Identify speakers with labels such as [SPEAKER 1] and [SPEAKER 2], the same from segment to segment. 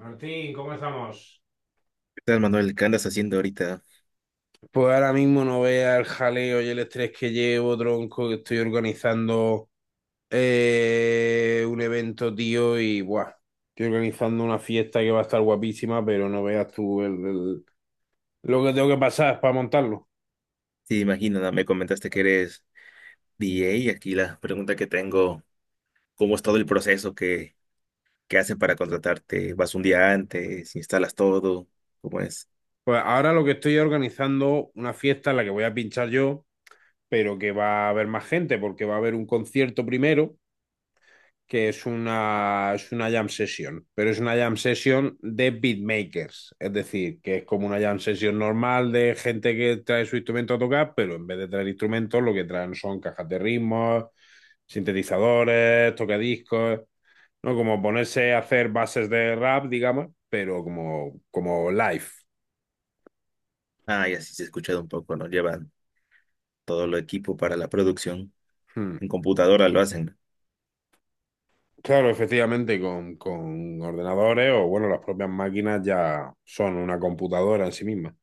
[SPEAKER 1] Martín, ¿cómo estamos?
[SPEAKER 2] Tal, Manuel? ¿Qué andas haciendo ahorita?
[SPEAKER 1] Pues ahora mismo no vea el jaleo y el estrés que llevo, tronco, que estoy organizando un evento, tío, y buah, estoy organizando una fiesta que va a estar guapísima, pero no veas tú lo que tengo que pasar para montarlo.
[SPEAKER 2] Sí, imagino, ¿no? Me comentaste que eres DJ y aquí la pregunta que tengo, ¿cómo es todo el proceso que hacen para contratarte? ¿Vas un día antes? ¿Instalas todo? ¿Cómo es?
[SPEAKER 1] Pues ahora lo que estoy organizando una fiesta en la que voy a pinchar yo, pero que va a haber más gente, porque va a haber un concierto primero que es es una jam session, pero es una jam session de beatmakers, es decir, que es como una jam session normal de gente que trae su instrumento a tocar, pero en vez de traer instrumentos, lo que traen son cajas de ritmos, sintetizadores, tocadiscos, ¿no? Como ponerse a hacer bases de rap, digamos, pero como live.
[SPEAKER 2] Ah, ya sí se ha escuchado un poco, ¿no? Llevan todo el equipo para la producción.
[SPEAKER 1] Hmm.
[SPEAKER 2] En computadora lo hacen.
[SPEAKER 1] Claro, efectivamente, con ordenadores o, bueno, las propias máquinas ya son una computadora en sí misma.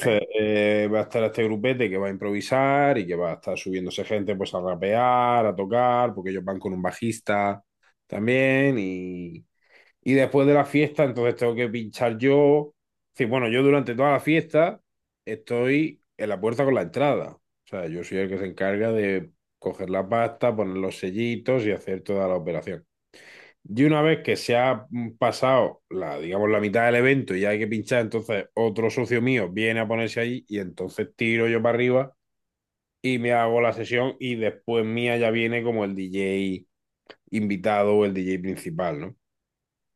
[SPEAKER 2] Ay,
[SPEAKER 1] va a estar este grupete que va a improvisar y que va a estar subiéndose gente pues a rapear, a tocar, porque ellos van con un bajista también. Y después de la fiesta, entonces tengo que pinchar yo. Es decir, bueno, yo durante toda la fiesta estoy en la puerta con la entrada. O sea, yo soy el que se encarga de coger la pasta, poner los sellitos y hacer toda la operación. Y una vez que se ha pasado la, digamos, la mitad del evento y hay que pinchar, entonces otro socio mío viene a ponerse ahí y entonces tiro yo para arriba y me hago la sesión y después mía ya viene como el DJ invitado o el DJ principal, ¿no?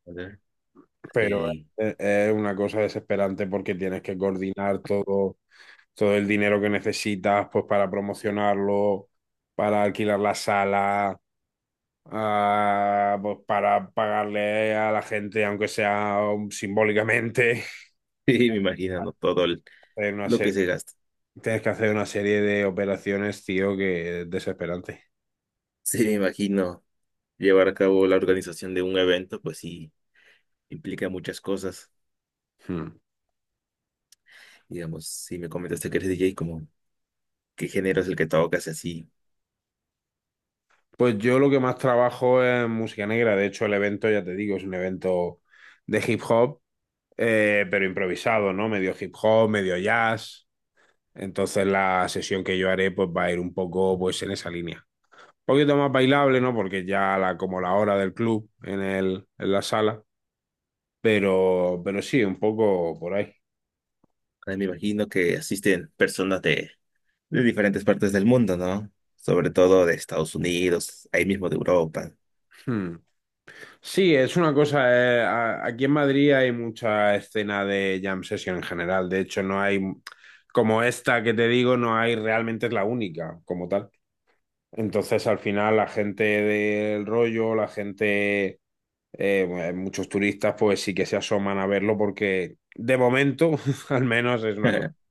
[SPEAKER 2] a ver.
[SPEAKER 1] Pero
[SPEAKER 2] Sí,
[SPEAKER 1] es es una cosa desesperante porque tienes que coordinar todo, todo el dinero que necesitas pues para promocionarlo, para alquilar la sala, pues para pagarle a la gente, aunque sea simbólicamente,
[SPEAKER 2] sí, me imagino, ¿no?
[SPEAKER 1] hacer una
[SPEAKER 2] Lo
[SPEAKER 1] serie-
[SPEAKER 2] que se gasta.
[SPEAKER 1] tienes que hacer una serie de operaciones, tío, que es desesperante.
[SPEAKER 2] Sí, me imagino. Llevar a cabo la organización de un evento, pues sí, implica muchas cosas.
[SPEAKER 1] Hmm.
[SPEAKER 2] Digamos, si me comentaste que eres DJ, qué género es el que tocas y así.
[SPEAKER 1] Pues yo lo que más trabajo es música negra. De hecho, el evento, ya te digo, es un evento de hip hop, pero improvisado, ¿no? Medio hip hop, medio jazz. Entonces la sesión que yo haré, pues va a ir un poco, pues, en esa línea. Un poquito más bailable, ¿no? Porque ya la, como la hora del club en en la sala. Pero sí, un poco por ahí.
[SPEAKER 2] Ahora me imagino que asisten personas de diferentes partes del mundo, ¿no? Sobre todo de Estados Unidos, ahí mismo de Europa.
[SPEAKER 1] Hmm. Sí, es una cosa. Aquí en Madrid hay mucha escena de jam session en general. De hecho, no hay, como esta que te digo, no hay realmente es la única como tal. Entonces, al final, la gente del rollo, la gente, bueno, muchos turistas, pues sí que se asoman a verlo porque de momento, al menos, es una cosa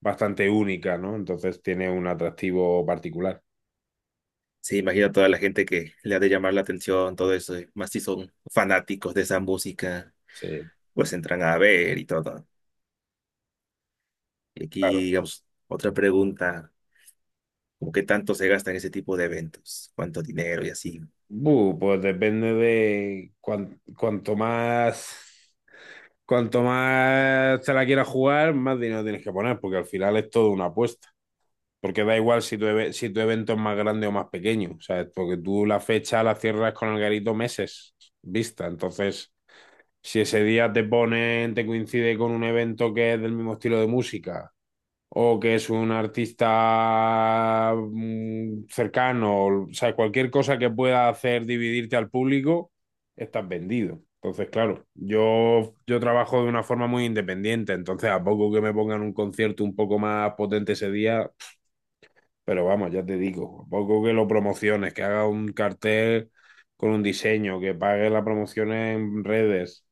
[SPEAKER 1] bastante única, ¿no? Entonces tiene un atractivo particular.
[SPEAKER 2] Sí, imagino a toda la gente que le ha de llamar la atención, todo eso, y más si son fanáticos de esa música,
[SPEAKER 1] Sí.
[SPEAKER 2] pues entran a ver y todo. Y aquí, digamos, otra pregunta, ¿cómo qué tanto se gasta en ese tipo de eventos? ¿Cuánto dinero y así?
[SPEAKER 1] Bu, pues depende de cuanto más te la quieras jugar, más dinero tienes que poner, porque al final es todo una apuesta. Porque da igual si si tu evento es más grande o más pequeño, ¿sabes? Porque tú la fecha la cierras con el garito meses vista. Entonces, si ese día te ponen, te coincide con un evento que es del mismo estilo de música o que es un artista cercano, o sea, cualquier cosa que pueda hacer dividirte al público, estás vendido. Entonces, claro, yo trabajo de una forma muy independiente, entonces a poco que me pongan un concierto un poco más potente ese día, pero vamos, ya te digo, a poco que lo promociones, que haga un cartel con un diseño, que pague la promoción en redes,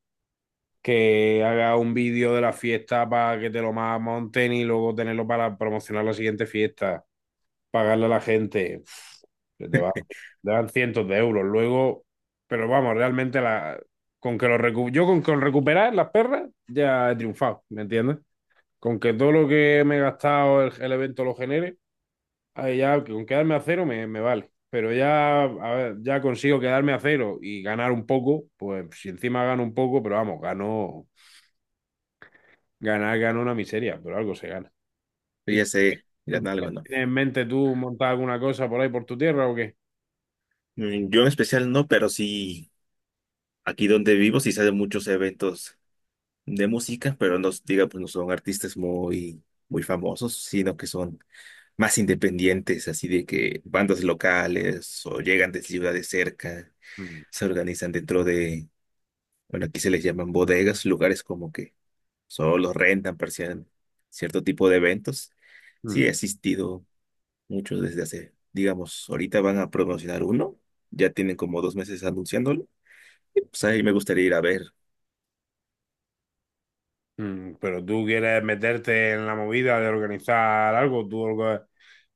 [SPEAKER 1] que haga un vídeo de la fiesta para que te lo monten y luego tenerlo para promocionar la siguiente fiesta, pagarle a la gente, te dan cientos de euros. Luego, pero vamos, realmente la, con que yo con recuperar las perras ya he triunfado, ¿me entiendes? Con que todo lo que me he gastado el evento lo genere, ahí ya con quedarme a cero me vale. Pero ya, a ver, ya consigo quedarme a cero y ganar un poco, pues si encima gano un poco, pero vamos, gano. Ganar gana una miseria, pero algo se gana.
[SPEAKER 2] Pero
[SPEAKER 1] ¿Y
[SPEAKER 2] ya sé,
[SPEAKER 1] tú
[SPEAKER 2] miran algo, ¿no?
[SPEAKER 1] tienes en mente tú montar alguna cosa por ahí por tu tierra o qué?
[SPEAKER 2] Yo en especial no, pero sí, aquí donde vivo sí se hacen muchos eventos de música, pero no, diga, pues no son artistas muy famosos, sino que son más independientes, así de que bandas locales o llegan de ciudades cerca,
[SPEAKER 1] Mm,
[SPEAKER 2] se organizan bueno, aquí se les llaman bodegas, lugares como que solo rentan para cien- cierto tipo de eventos. Sí,
[SPEAKER 1] mm,
[SPEAKER 2] he asistido mucho desde hace, digamos, ahorita van a promocionar uno, ya tienen como dos meses anunciándolo, y pues ahí me gustaría ir a ver.
[SPEAKER 1] mm. Pero tú quieres meterte en la movida de organizar algo,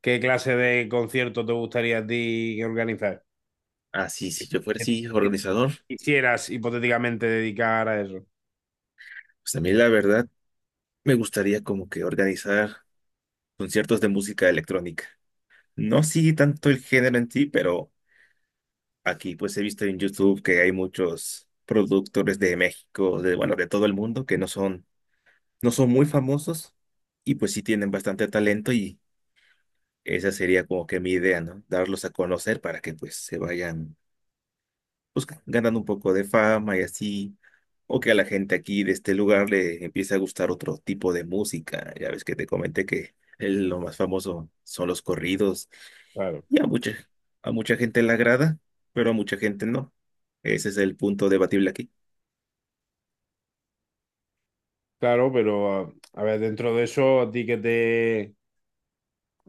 [SPEAKER 1] ¿qué clase de concierto te gustaría a ti organizar?
[SPEAKER 2] Así,
[SPEAKER 1] ¿Qué
[SPEAKER 2] si yo fuera, sí, organizador.
[SPEAKER 1] Quisieras hipotéticamente dedicar a eso.
[SPEAKER 2] Pues a mí la verdad me gustaría como que organizar conciertos de música electrónica. No sigue tanto el género en sí, pero aquí pues he visto en YouTube que hay muchos productores de México, de bueno, de todo el mundo que no son muy famosos y pues sí tienen bastante talento, y esa sería como que mi idea, ¿no? Darlos a conocer para que pues se vayan pues ganan un poco de fama y así, o que a la gente aquí de este lugar le empiece a gustar otro tipo de música. Ya ves que te comenté que lo más famoso son los corridos
[SPEAKER 1] Claro,
[SPEAKER 2] y a a mucha gente le agrada, pero a mucha gente no. Ese es el punto debatible aquí.
[SPEAKER 1] claro, pero a ver, dentro de eso, ¿a ti qué te,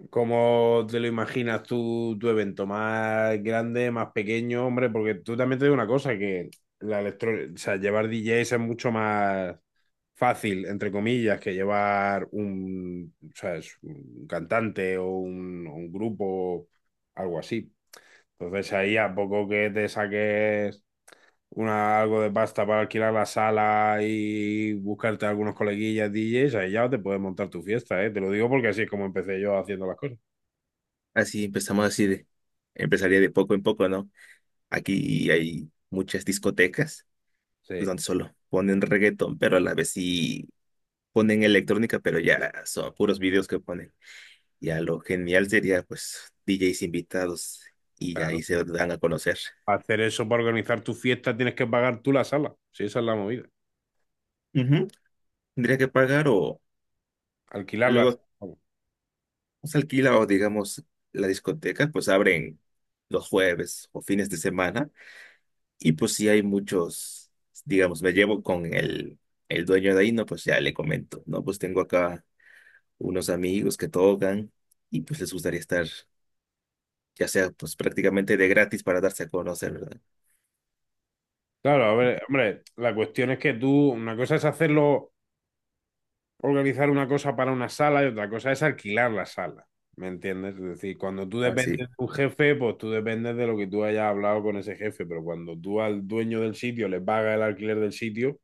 [SPEAKER 1] ¿cómo te lo imaginas tú, tu evento? ¿Más grande, más pequeño? Hombre, porque tú también te digo una cosa, que la electro, o sea, llevar DJs es mucho más fácil, entre comillas, que llevar ¿sabes? Un cantante o un grupo, algo así. Entonces ahí a poco que te saques algo de pasta para alquilar la sala y buscarte algunos coleguillas DJs, ahí ya te puedes montar tu fiesta, ¿eh? Te lo digo porque así es como empecé yo haciendo las cosas.
[SPEAKER 2] Así empezamos así de, empezaría de poco en poco, ¿no? Aquí hay muchas discotecas pues,
[SPEAKER 1] Sí,
[SPEAKER 2] donde solo ponen reggaetón, pero a la vez sí ponen electrónica, pero ya son puros videos que ponen. Ya lo genial sería, pues, DJs invitados y ya ahí
[SPEAKER 1] claro.
[SPEAKER 2] se dan a conocer.
[SPEAKER 1] Para hacer eso, para organizar tu fiesta, tienes que pagar tú la sala. Sí, esa es la movida.
[SPEAKER 2] Ujú. Tendría que pagar o
[SPEAKER 1] Alquilar la
[SPEAKER 2] luego
[SPEAKER 1] sala. Vamos.
[SPEAKER 2] se alquila, o digamos la discoteca, pues abren los jueves o fines de semana y pues si hay muchos, digamos, me llevo con el dueño de ahí, no, pues ya le comento, no, pues tengo acá unos amigos que tocan y pues les gustaría estar, ya sea pues prácticamente de gratis para darse a conocer, ¿verdad?
[SPEAKER 1] Claro, a ver, hombre, la cuestión es que tú, una cosa es hacerlo, organizar una cosa para una sala y otra cosa es alquilar la sala. ¿Me entiendes? Es decir, cuando tú dependes
[SPEAKER 2] Así,
[SPEAKER 1] de un jefe, pues tú dependes de lo que tú hayas hablado con ese jefe, pero cuando tú al dueño del sitio le pagas el alquiler del sitio,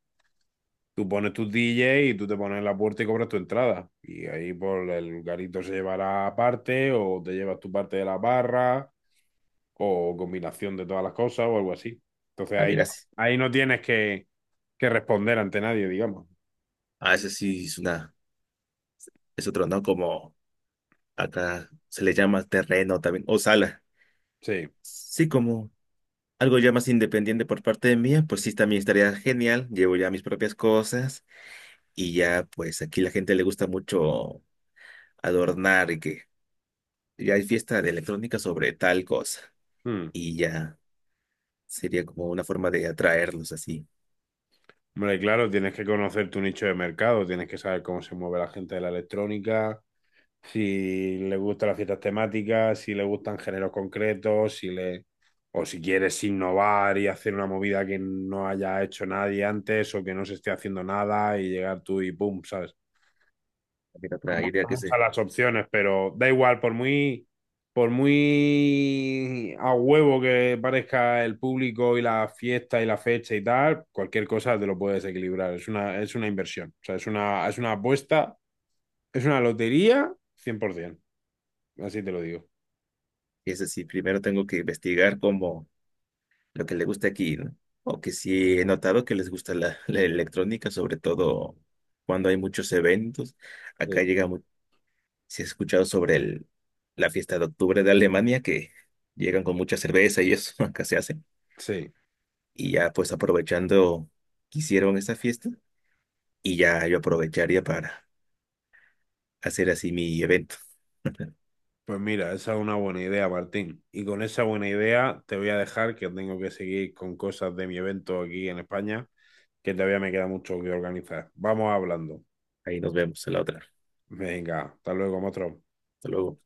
[SPEAKER 1] tú pones tus DJ y tú te pones en la puerta y cobras tu entrada. Y ahí por el garito se llevará parte o te llevas tu parte de la barra o combinación de todas las cosas o algo así. Entonces
[SPEAKER 2] ah,
[SPEAKER 1] ahí,
[SPEAKER 2] mira, sí.
[SPEAKER 1] ahí no tienes que responder ante nadie, digamos.
[SPEAKER 2] Ah, esa sí es una es otro, ¿no? Como acá se le llama terreno también, o sala.
[SPEAKER 1] Sí.
[SPEAKER 2] Sí, como algo ya más independiente por parte de mía, pues sí, también estaría genial. Llevo ya mis propias cosas, y ya, pues aquí la gente le gusta mucho adornar y que ya hay fiesta de electrónica sobre tal cosa.
[SPEAKER 1] Mm.
[SPEAKER 2] Y ya sería como una forma de atraerlos así.
[SPEAKER 1] Hombre, claro, tienes que conocer tu nicho de mercado, tienes que saber cómo se mueve la gente de la electrónica, si le gustan las fiestas temáticas, si le gustan géneros concretos, si le o si quieres innovar y hacer una movida que no haya hecho nadie antes o que no se esté haciendo nada y llegar tú y pum, ¿sabes?
[SPEAKER 2] También otra idea que
[SPEAKER 1] Muchas
[SPEAKER 2] se,
[SPEAKER 1] las opciones, pero da igual, por muy a huevo que parezca el público y la fiesta y la fecha y tal, cualquier cosa te lo puedes equilibrar, es una inversión, o sea, es una apuesta, es una lotería 100%, así te lo digo.
[SPEAKER 2] que es así, primero tengo que investigar cómo lo que le gusta aquí, ¿no? O que sí he notado que les gusta la electrónica, sobre todo cuando hay muchos eventos.
[SPEAKER 1] Sí,
[SPEAKER 2] Acá llega, si has escuchado sobre la fiesta de octubre de Alemania, que llegan con mucha cerveza y eso, acá se hace.
[SPEAKER 1] sí.
[SPEAKER 2] Y ya pues aprovechando que hicieron esa fiesta, y ya yo aprovecharía para hacer así mi evento.
[SPEAKER 1] Pues mira, esa es una buena idea, Martín. Y con esa buena idea te voy a dejar que tengo que seguir con cosas de mi evento aquí en España, que todavía me queda mucho que organizar. Vamos hablando.
[SPEAKER 2] Ahí nos vemos a la otra.
[SPEAKER 1] Venga, hasta luego, otro.
[SPEAKER 2] Hasta luego.